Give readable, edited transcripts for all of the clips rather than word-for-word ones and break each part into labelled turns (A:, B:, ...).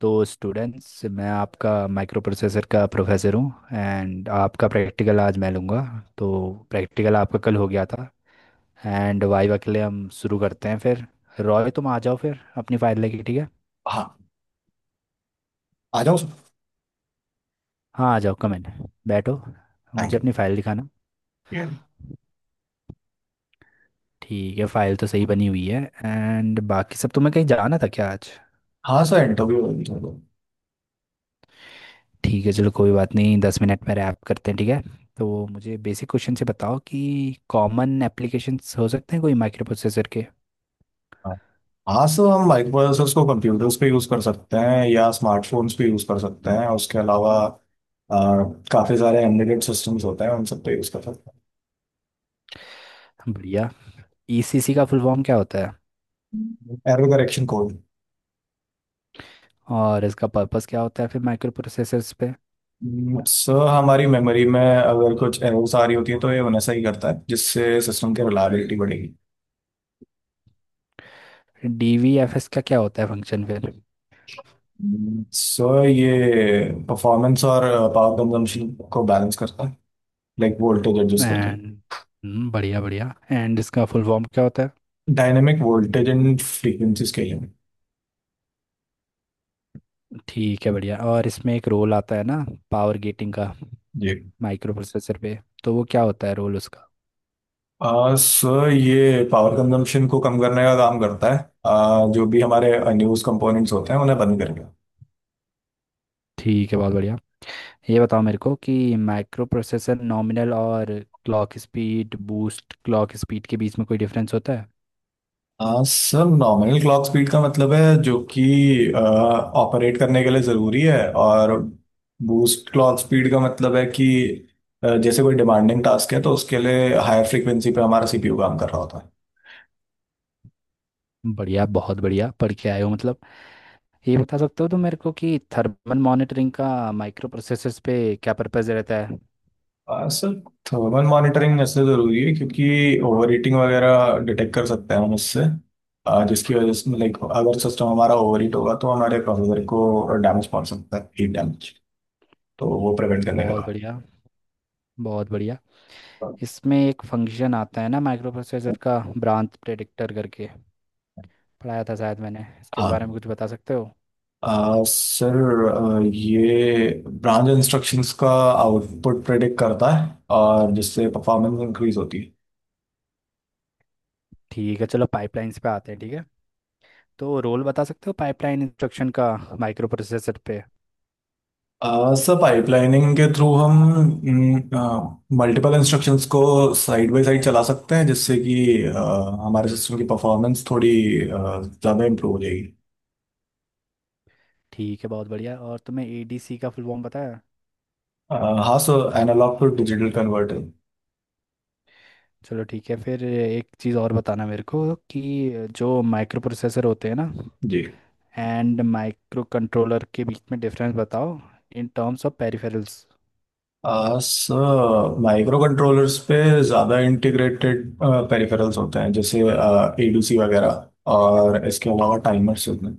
A: तो स्टूडेंट्स, मैं आपका माइक्रो प्रोसेसर का प्रोफेसर हूँ एंड आपका प्रैक्टिकल आज मैं लूँगा। तो प्रैक्टिकल आपका कल हो गया था एंड वाइवा के लिए हम शुरू करते हैं फिर। रॉय, तुम आ जाओ फिर अपनी फ़ाइल लेके, ठीक है।
B: हाँ। आ जाओ सर।
A: हाँ, आ जाओ, कम इन। बैठो।
B: थैंक
A: मुझे
B: यू।
A: अपनी फ़ाइल दिखाना।
B: Yeah.
A: ठीक है, फ़ाइल तो सही बनी हुई है एंड बाकी सब। तुम्हें कहीं जाना था क्या आज?
B: हाँ सर इंटरव्यू होगी थोड़ी देर।
A: ठीक है, चलो कोई बात नहीं, 10 मिनट में रैप करते हैं, ठीक है। तो मुझे बेसिक क्वेश्चन से बताओ कि कॉमन एप्लीकेशंस हो सकते हैं कोई माइक्रो प्रोसेसर के।
B: हाँ। हाँ, सर हम माइक्रोप्रोसेसर्स को कंप्यूटर्स पे यूज़ कर सकते हैं या स्मार्टफोन्स पे यूज़ कर सकते हैं। उसके अलावा काफ़ी सारे एम्बेडेड सिस्टम्स होते हैं, उन सब पे यूज़ कर सकते
A: बढ़िया। ईसीसी का फुल फॉर्म क्या होता है?
B: हैं। Error correction code.
A: और इसका पर्पस क्या होता है फिर माइक्रो प्रोसेसर्स पे?
B: सर हमारी मेमोरी में अगर कुछ एरर्स आ रही होती है तो ये उन्हें सही करता है, जिससे सिस्टम की रिलायबिलिटी बढ़ेगी।
A: डीवीएफएस का क्या होता है फंक्शन फिर?
B: सर ये परफॉर्मेंस और पावर कंजम्पशन को बैलेंस करता है, लाइक वोल्टेज एडजस्ट करके।
A: एंड बढ़िया बढ़िया, एंड इसका फुल फॉर्म क्या होता है?
B: Dynamic voltage and frequency scaling.
A: ठीक है, बढ़िया, और इसमें एक रोल आता है ना पावर गेटिंग का,
B: जी।
A: माइक्रो प्रोसेसर पे। तो वो क्या होता है रोल उसका?
B: सर ये पावर कंजम्पशन को कम करने का काम करता है, जो भी हमारे अनयूज कंपोनेंट्स होते हैं उन्हें बंद करके।
A: ठीक है, बहुत बढ़िया। ये बताओ मेरे को कि माइक्रो प्रोसेसर नॉमिनल और clock speed, boost clock speed के बीच में कोई डिफरेंस होता है?
B: सर नॉमिनल क्लॉक स्पीड का मतलब है जो कि ऑपरेट करने के लिए ज़रूरी है। और बूस्ट क्लॉक स्पीड का मतलब है कि जैसे कोई डिमांडिंग टास्क है तो उसके लिए हायर फ्रीक्वेंसी पे हमारा सीपीयू काम कर रहा होता है।
A: बढ़िया, बहुत बढ़िया, पढ़ के आए हो मतलब। ये बता सकते हो तुम मेरे को कि थर्मल मॉनिटरिंग का माइक्रो प्रोसेसर्स पे क्या पर्पस रहता है?
B: हाँ सर। थर्मल मॉनिटरिंग ऐसे ज़रूरी है क्योंकि ओवर हीटिंग वगैरह डिटेक्ट कर सकते हैं हम उससे, जिसकी वजह से लाइक अगर सिस्टम हमारा ओवर हीट होगा तो हमारे प्रोसेसर को डैमेज पहुंच सकता है, हीट डैमेज, तो वो प्रिवेंट करने
A: बहुत
B: का।
A: बढ़िया, बहुत बढ़िया। इसमें एक फंक्शन आता है ना माइक्रो प्रोसेसर का, ब्रांच प्रेडिक्टर करके। पढ़ाया था शायद मैंने इसके बारे में,
B: हाँ,
A: कुछ बता सकते हो?
B: सर, ये ब्रांच इंस्ट्रक्शंस का आउटपुट प्रेडिक्ट करता है और जिससे परफॉर्मेंस इंक्रीज होती है।
A: ठीक है, चलो पाइपलाइंस पे आते हैं, ठीक है। तो रोल बता सकते हो पाइपलाइन इंस्ट्रक्शन का, माइक्रो प्रोसेसर पे?
B: सर पाइपलाइनिंग के थ्रू हम मल्टीपल इंस्ट्रक्शंस को साइड बाय साइड चला सकते हैं, जिससे कि आ, हमारे सिस्टम की परफॉर्मेंस थोड़ी ज़्यादा इम्प्रूव हो जाएगी।
A: ठीक है, बहुत बढ़िया। और तुम्हें एडीसी का फुल फॉर्म पता है?
B: आ, हाँ sir, analogue to digital converter.
A: चलो ठीक है, फिर एक चीज़ और बताना मेरे को, कि जो माइक्रो प्रोसेसर होते हैं ना
B: जी।
A: एंड माइक्रो कंट्रोलर, के बीच में डिफरेंस बताओ in terms of peripherals.
B: Sir micro controllers पे ज़्यादा इंटीग्रेटेड पेरिफेरल्स होते हैं, जैसे एडीसी वगैरह। और इसके अलावा टाइमर्स होते हैं।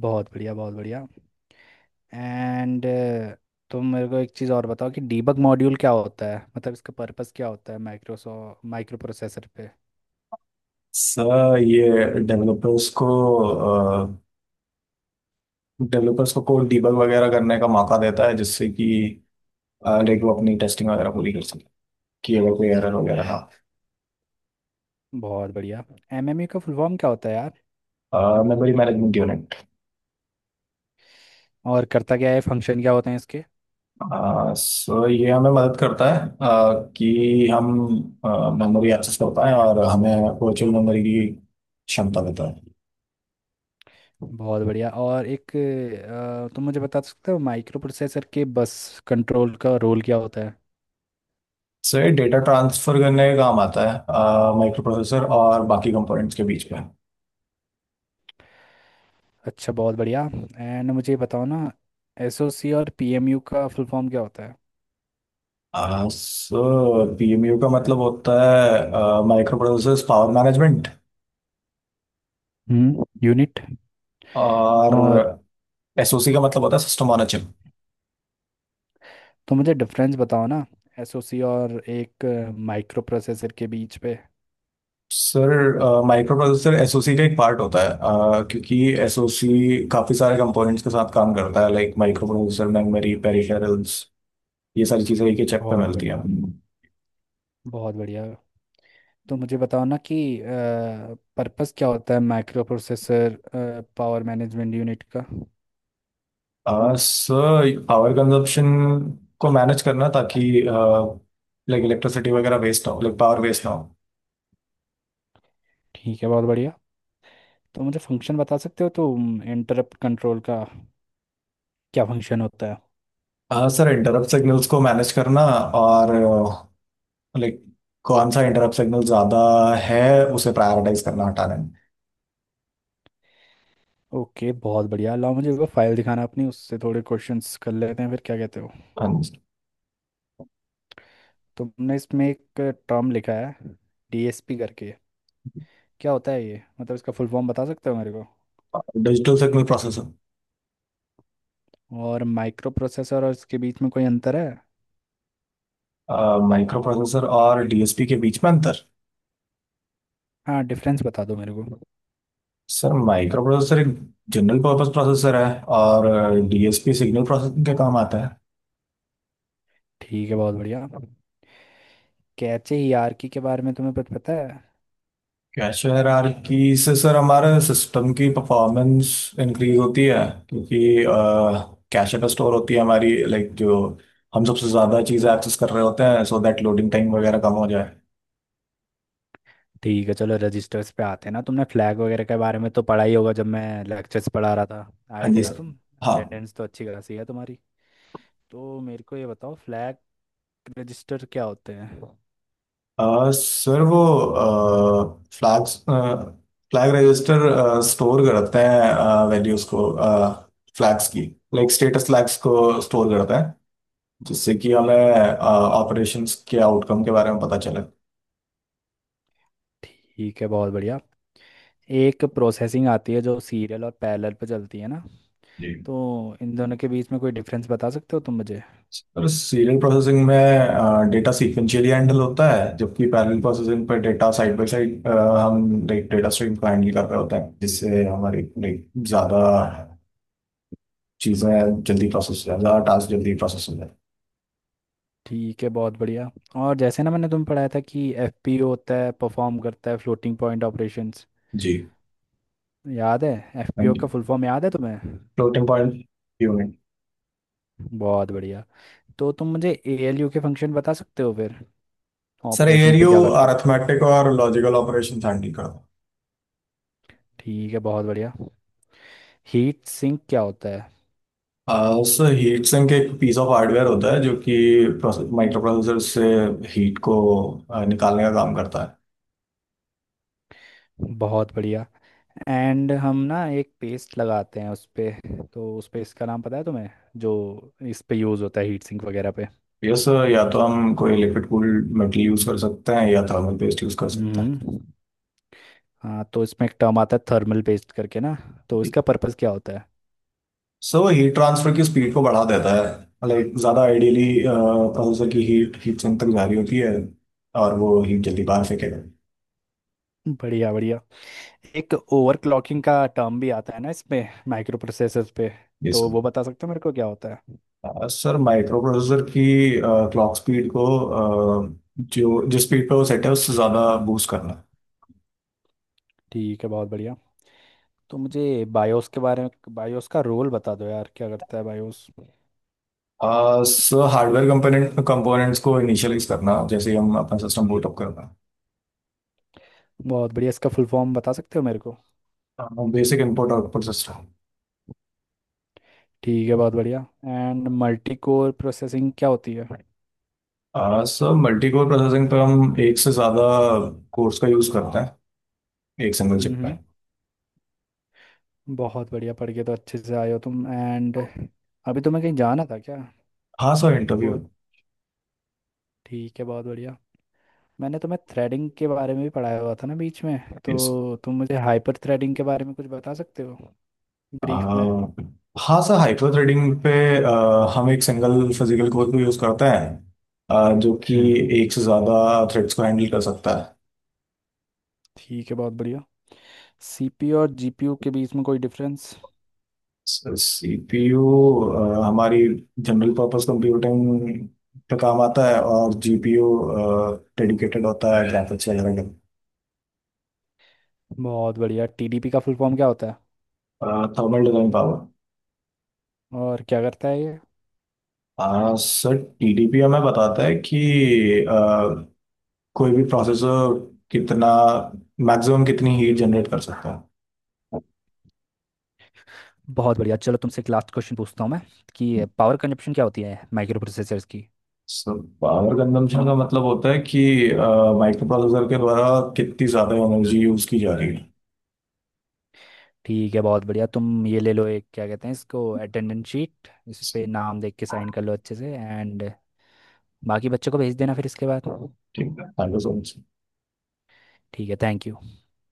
A: बहुत बढ़िया, बहुत बढ़िया। एंड तुम मेरे को एक चीज़ और बताओ कि डीबग मॉड्यूल क्या होता है, मतलब इसका पर्पस क्या होता है माइक्रो प्रोसेसर पे?
B: सर ये डेवलपर्स को डेवलपर्स को कोड डीबग वगैरह करने का मौका देता है, जिससे कि लाइक वो अपनी टेस्टिंग वगैरह पूरी कर सके कि अगर कोई एरर वगैरह।
A: बहुत बढ़िया। एमएमयू का फुल फॉर्म क्या होता है यार?
B: हाँ, मेमोरी मैनेजमेंट यूनिट।
A: और करता क्या है, फंक्शन क्या होते हैं इसके?
B: सो ये हमें मदद करता है कि हम मेमोरी एक्सेस कर पाएं और हमें वर्चुअल मेमोरी की क्षमता देता है।
A: बहुत बढ़िया। और एक, तुम मुझे बता सकते हो माइक्रो प्रोसेसर के बस कंट्रोल का रोल क्या होता है?
B: सो ये डेटा ट्रांसफर करने का काम आता है, माइक्रो प्रोसेसर और बाकी कंपोनेंट्स के बीच में।
A: अच्छा, बहुत बढ़िया। एंड मुझे बताओ ना, एसओसी और पीएमयू का फुल फॉर्म क्या होता है?
B: सो पीएमयू का मतलब होता है micro processor power management.
A: Hmm, unit.
B: और
A: और
B: एसओसी का मतलब होता है सिस्टम ऑन अ चिप।
A: तुम मुझे डिफरेंस बताओ ना, एसओसी और एक माइक्रो प्रोसेसर के बीच पे।
B: सर माइक्रो प्रोसेसर एसओसी का एक पार्ट होता है, क्योंकि एसओसी काफी सारे कंपोनेंट्स के साथ काम करता है, like micro processor, memory, peripherals. ये सारी चीजें एक ही चिप पे
A: बहुत
B: मिलती हैं।
A: बढ़िया, बहुत बढ़िया। तो मुझे बताओ ना कि पर्पस क्या होता है micro processor power management unit का?
B: सर पावर कंजप्शन को मैनेज करना, ताकि लाइक इलेक्ट्रिसिटी वगैरह वेस्ट ना हो, लाइक पावर वेस्ट ना हो।
A: ठीक है, बहुत बढ़िया। तो मुझे फंक्शन बता सकते हो तो इंटरप्ट कंट्रोल का, क्या फंक्शन होता है?
B: हाँ सर, इंटरप्ट सिग्नल्स को मैनेज करना, और लाइक कौन सा इंटरप्ट सिग्नल ज़्यादा है उसे प्रायोरिटाइज करना हटाने
A: ओके, बहुत बढ़िया। लाओ मुझे वो फाइल दिखाना अपनी, उससे थोड़े क्वेश्चंस कर लेते हैं फिर, क्या कहते हो?
B: में।
A: तुमने इसमें एक टर्म लिखा है, डीएसपी करके। क्या होता है ये, मतलब इसका फुल फॉर्म बता सकते हो मेरे को?
B: Digital signal processor.
A: और माइक्रो प्रोसेसर और इसके बीच में कोई अंतर है?
B: माइक्रो प्रोसेसर और डीएसपी के बीच में अंतर।
A: हाँ, डिफरेंस बता दो मेरे को।
B: सर माइक्रो प्रोसेसर एक जनरल पर्पस प्रोसेसर है, और डीएसपी सिग्नल प्रोसेसिंग के काम आता है।
A: ठीक है, बहुत बढ़िया। कैचे हीआरकी के बारे में तुम्हें कुछ पता है?
B: कैश हायरार्की से सर हमारे सिस्टम की परफॉर्मेंस इंक्रीज होती है, क्योंकि कैश पे स्टोर होती है हमारी लाइक जो हम सबसे ज़्यादा चीज़ें एक्सेस कर रहे होते हैं, सो दैट लोडिंग टाइम वगैरह कम हो जाए।
A: ठीक है, चलो रजिस्टर्स पे आते हैं ना, तुमने फ्लैग वगैरह के बारे में तो पढ़ा ही होगा, जब मैं लेक्चर्स पढ़ा रहा था।
B: हाँ
A: आए
B: जी,
A: थे
B: Yeah.
A: ना
B: सर।
A: तुम?
B: हाँ।
A: अटेंडेंस तो अच्छी खासी है तुम्हारी। तो मेरे को ये बताओ, फ्लैग रजिस्टर क्या होते हैं?
B: सर वो फ्लैग रजिस्टर स्टोर करते हैं वैल्यूज को, फ्लैग्स की, लाइक स्टेटस फ्लैग्स को स्टोर करते हैं, जिससे कि हमें ऑपरेशंस के आउटकम के बारे में पता
A: ठीक है, बहुत बढ़िया। एक प्रोसेसिंग आती है जो सीरियल और पैरेलल पे चलती है ना,
B: चले।
A: तो इन दोनों के बीच में कोई डिफरेंस बता सकते हो तुम मुझे?
B: और सीरियल प्रोसेसिंग में डेटा सीक्वेंशियली हैंडल होता है, जबकि पैरेलल प्रोसेसिंग पर डेटा साइड बाय साइड हम डेटा स्ट्रीम को हैंडल कर रहे होते हैं, जिससे हमारी like, ज्यादा चीजें जल्दी प्रोसेस हो जाए, ज्यादा टास्क जल्दी प्रोसेस हो जाए।
A: ठीक है, बहुत बढ़िया। और जैसे ना मैंने तुम्हें पढ़ाया था कि एफपीओ होता है, परफॉर्म करता है फ्लोटिंग पॉइंट ऑपरेशंस,
B: जी।
A: याद है? FPO
B: thank you.
A: का फुल फॉर्म याद है तुम्हें?
B: Floating point unit.
A: बहुत बढ़िया। तो तुम मुझे एएलयू के फंक्शन बता सकते हो फिर,
B: सर
A: ऑपरेशन पे
B: एयरयू
A: क्या करता है?
B: अरिथमेटिक और लॉजिकल ऑपरेशन हैंडल करता है।
A: ठीक है, बहुत बढ़िया। हीट सिंक क्या होता है?
B: सर हीट सिंक एक पीस ऑफ हार्डवेयर होता है जो कि माइक्रो प्रोसेसर से हीट को निकालने का काम करता है।
A: बहुत बढ़िया। एंड हम ना एक पेस्ट लगाते हैं उस पे, तो उस पेस्ट का नाम पता है तुम्हें, जो इस पे यूज़ होता है हीट सिंक वगैरह पे?
B: यस सर, या तो हम कोई लिक्विड कूल्ड मेटल यूज कर सकते हैं या थर्मल पेस्ट यूज कर सकते हैं।
A: हम्म। हाँ, तो इसमें एक टर्म आता है थर्मल पेस्ट करके ना, तो इसका पर्पस क्या होता है?
B: सो हीट ट्रांसफर की स्पीड को बढ़ा देता है, लाइक ज़्यादा आइडियली प्रोसेसर की हीट हीट सिंक तक जा रही होती है और वो हीट जल्दी बाहर फेंकेगा।
A: बढ़िया, बढ़िया। एक ओवरक्लॉकिंग का टर्म भी आता है ना इसमें माइक्रो प्रोसेसर पे,
B: ये
A: तो
B: सर।
A: वो बता सकते हो मेरे को क्या होता है?
B: सर माइक्रो प्रोसेसर की क्लॉक स्पीड को अ, जो जिस स्पीड पे वो सेट है उससे ज़्यादा बूस्ट करना।
A: ठीक है, बहुत बढ़िया। तो मुझे बायोस के बारे में, बायोस का रोल बता दो यार, क्या करता है बायोस?
B: सो हार्डवेयर कंपोनेंट्स को इनिशियलाइज करना, जैसे हम अपना सिस्टम बूट अप करना।
A: बहुत बढ़िया। इसका फुल फॉर्म बता सकते हो मेरे को?
B: Basic input output system.
A: ठीक है, बहुत बढ़िया। एंड मल्टी कोर प्रोसेसिंग क्या होती है?
B: सर मल्टीकोर प्रोसेसिंग पर हम एक से ज़्यादा कोर्स का यूज़ करते हैं, एक सिंगल चिप पे।
A: हम्म, बहुत बढ़िया, पढ़ के तो अच्छे से आए हो तुम। एंड अभी तुम्हें कहीं जाना था क्या?
B: हाँ सर, इंटरव्यू।
A: को ठीक है, बहुत बढ़िया। मैंने तुम्हें थ्रेडिंग के बारे में भी पढ़ाया हुआ था ना बीच में,
B: यस।
A: तो तुम मुझे हाइपर थ्रेडिंग के बारे में कुछ बता सकते हो, ब्रीफ में?
B: हाँ सर, हाइपर थ्रेडिंग पे हम एक सिंगल फिजिकल कोर को यूज़ करते हैं जो कि
A: हम्म।
B: एक से ज़्यादा थ्रेड्स को हैंडल कर सकता है।
A: ठीक है, बहुत बढ़िया। सीपीयू और जीपीयू के बीच में कोई डिफरेंस?
B: सर सीपीयू हमारी जनरल पर्पस कंप्यूटिंग पे काम आता है, और जीपीयू डेडिकेटेड होता है ग्राफिक्स वगैरह के।
A: बहुत बढ़िया। टीडीपी का फुल फॉर्म क्या होता है?
B: Thermal design power.
A: और क्या करता है ये?
B: हाँ सर, टीडीपी हमें बताता है कि अ, कोई भी प्रोसेसर कितना मैक्सिमम कितनी हीट जनरेट कर सकता है।
A: बहुत बढ़िया, चलो तुमसे एक लास्ट क्वेश्चन पूछता हूँ मैं, कि पावर कंजप्शन क्या होती है माइक्रो प्रोसेसर्स की?
B: सो पावर कंजम्पशन का मतलब होता है कि माइक्रो प्रोसेसर के द्वारा कितनी ज़्यादा एनर्जी यूज की जा रही है।
A: ठीक है, बहुत बढ़िया। तुम ये ले लो, एक क्या कहते हैं इसको, अटेंडेंस शीट, इस पे नाम देख के साइन कर लो अच्छे से, एंड बाकी बच्चों को भेज देना फिर इसके बाद।
B: ठीक है, थैंक यू सो मच।
A: ठीक है, थैंक यू।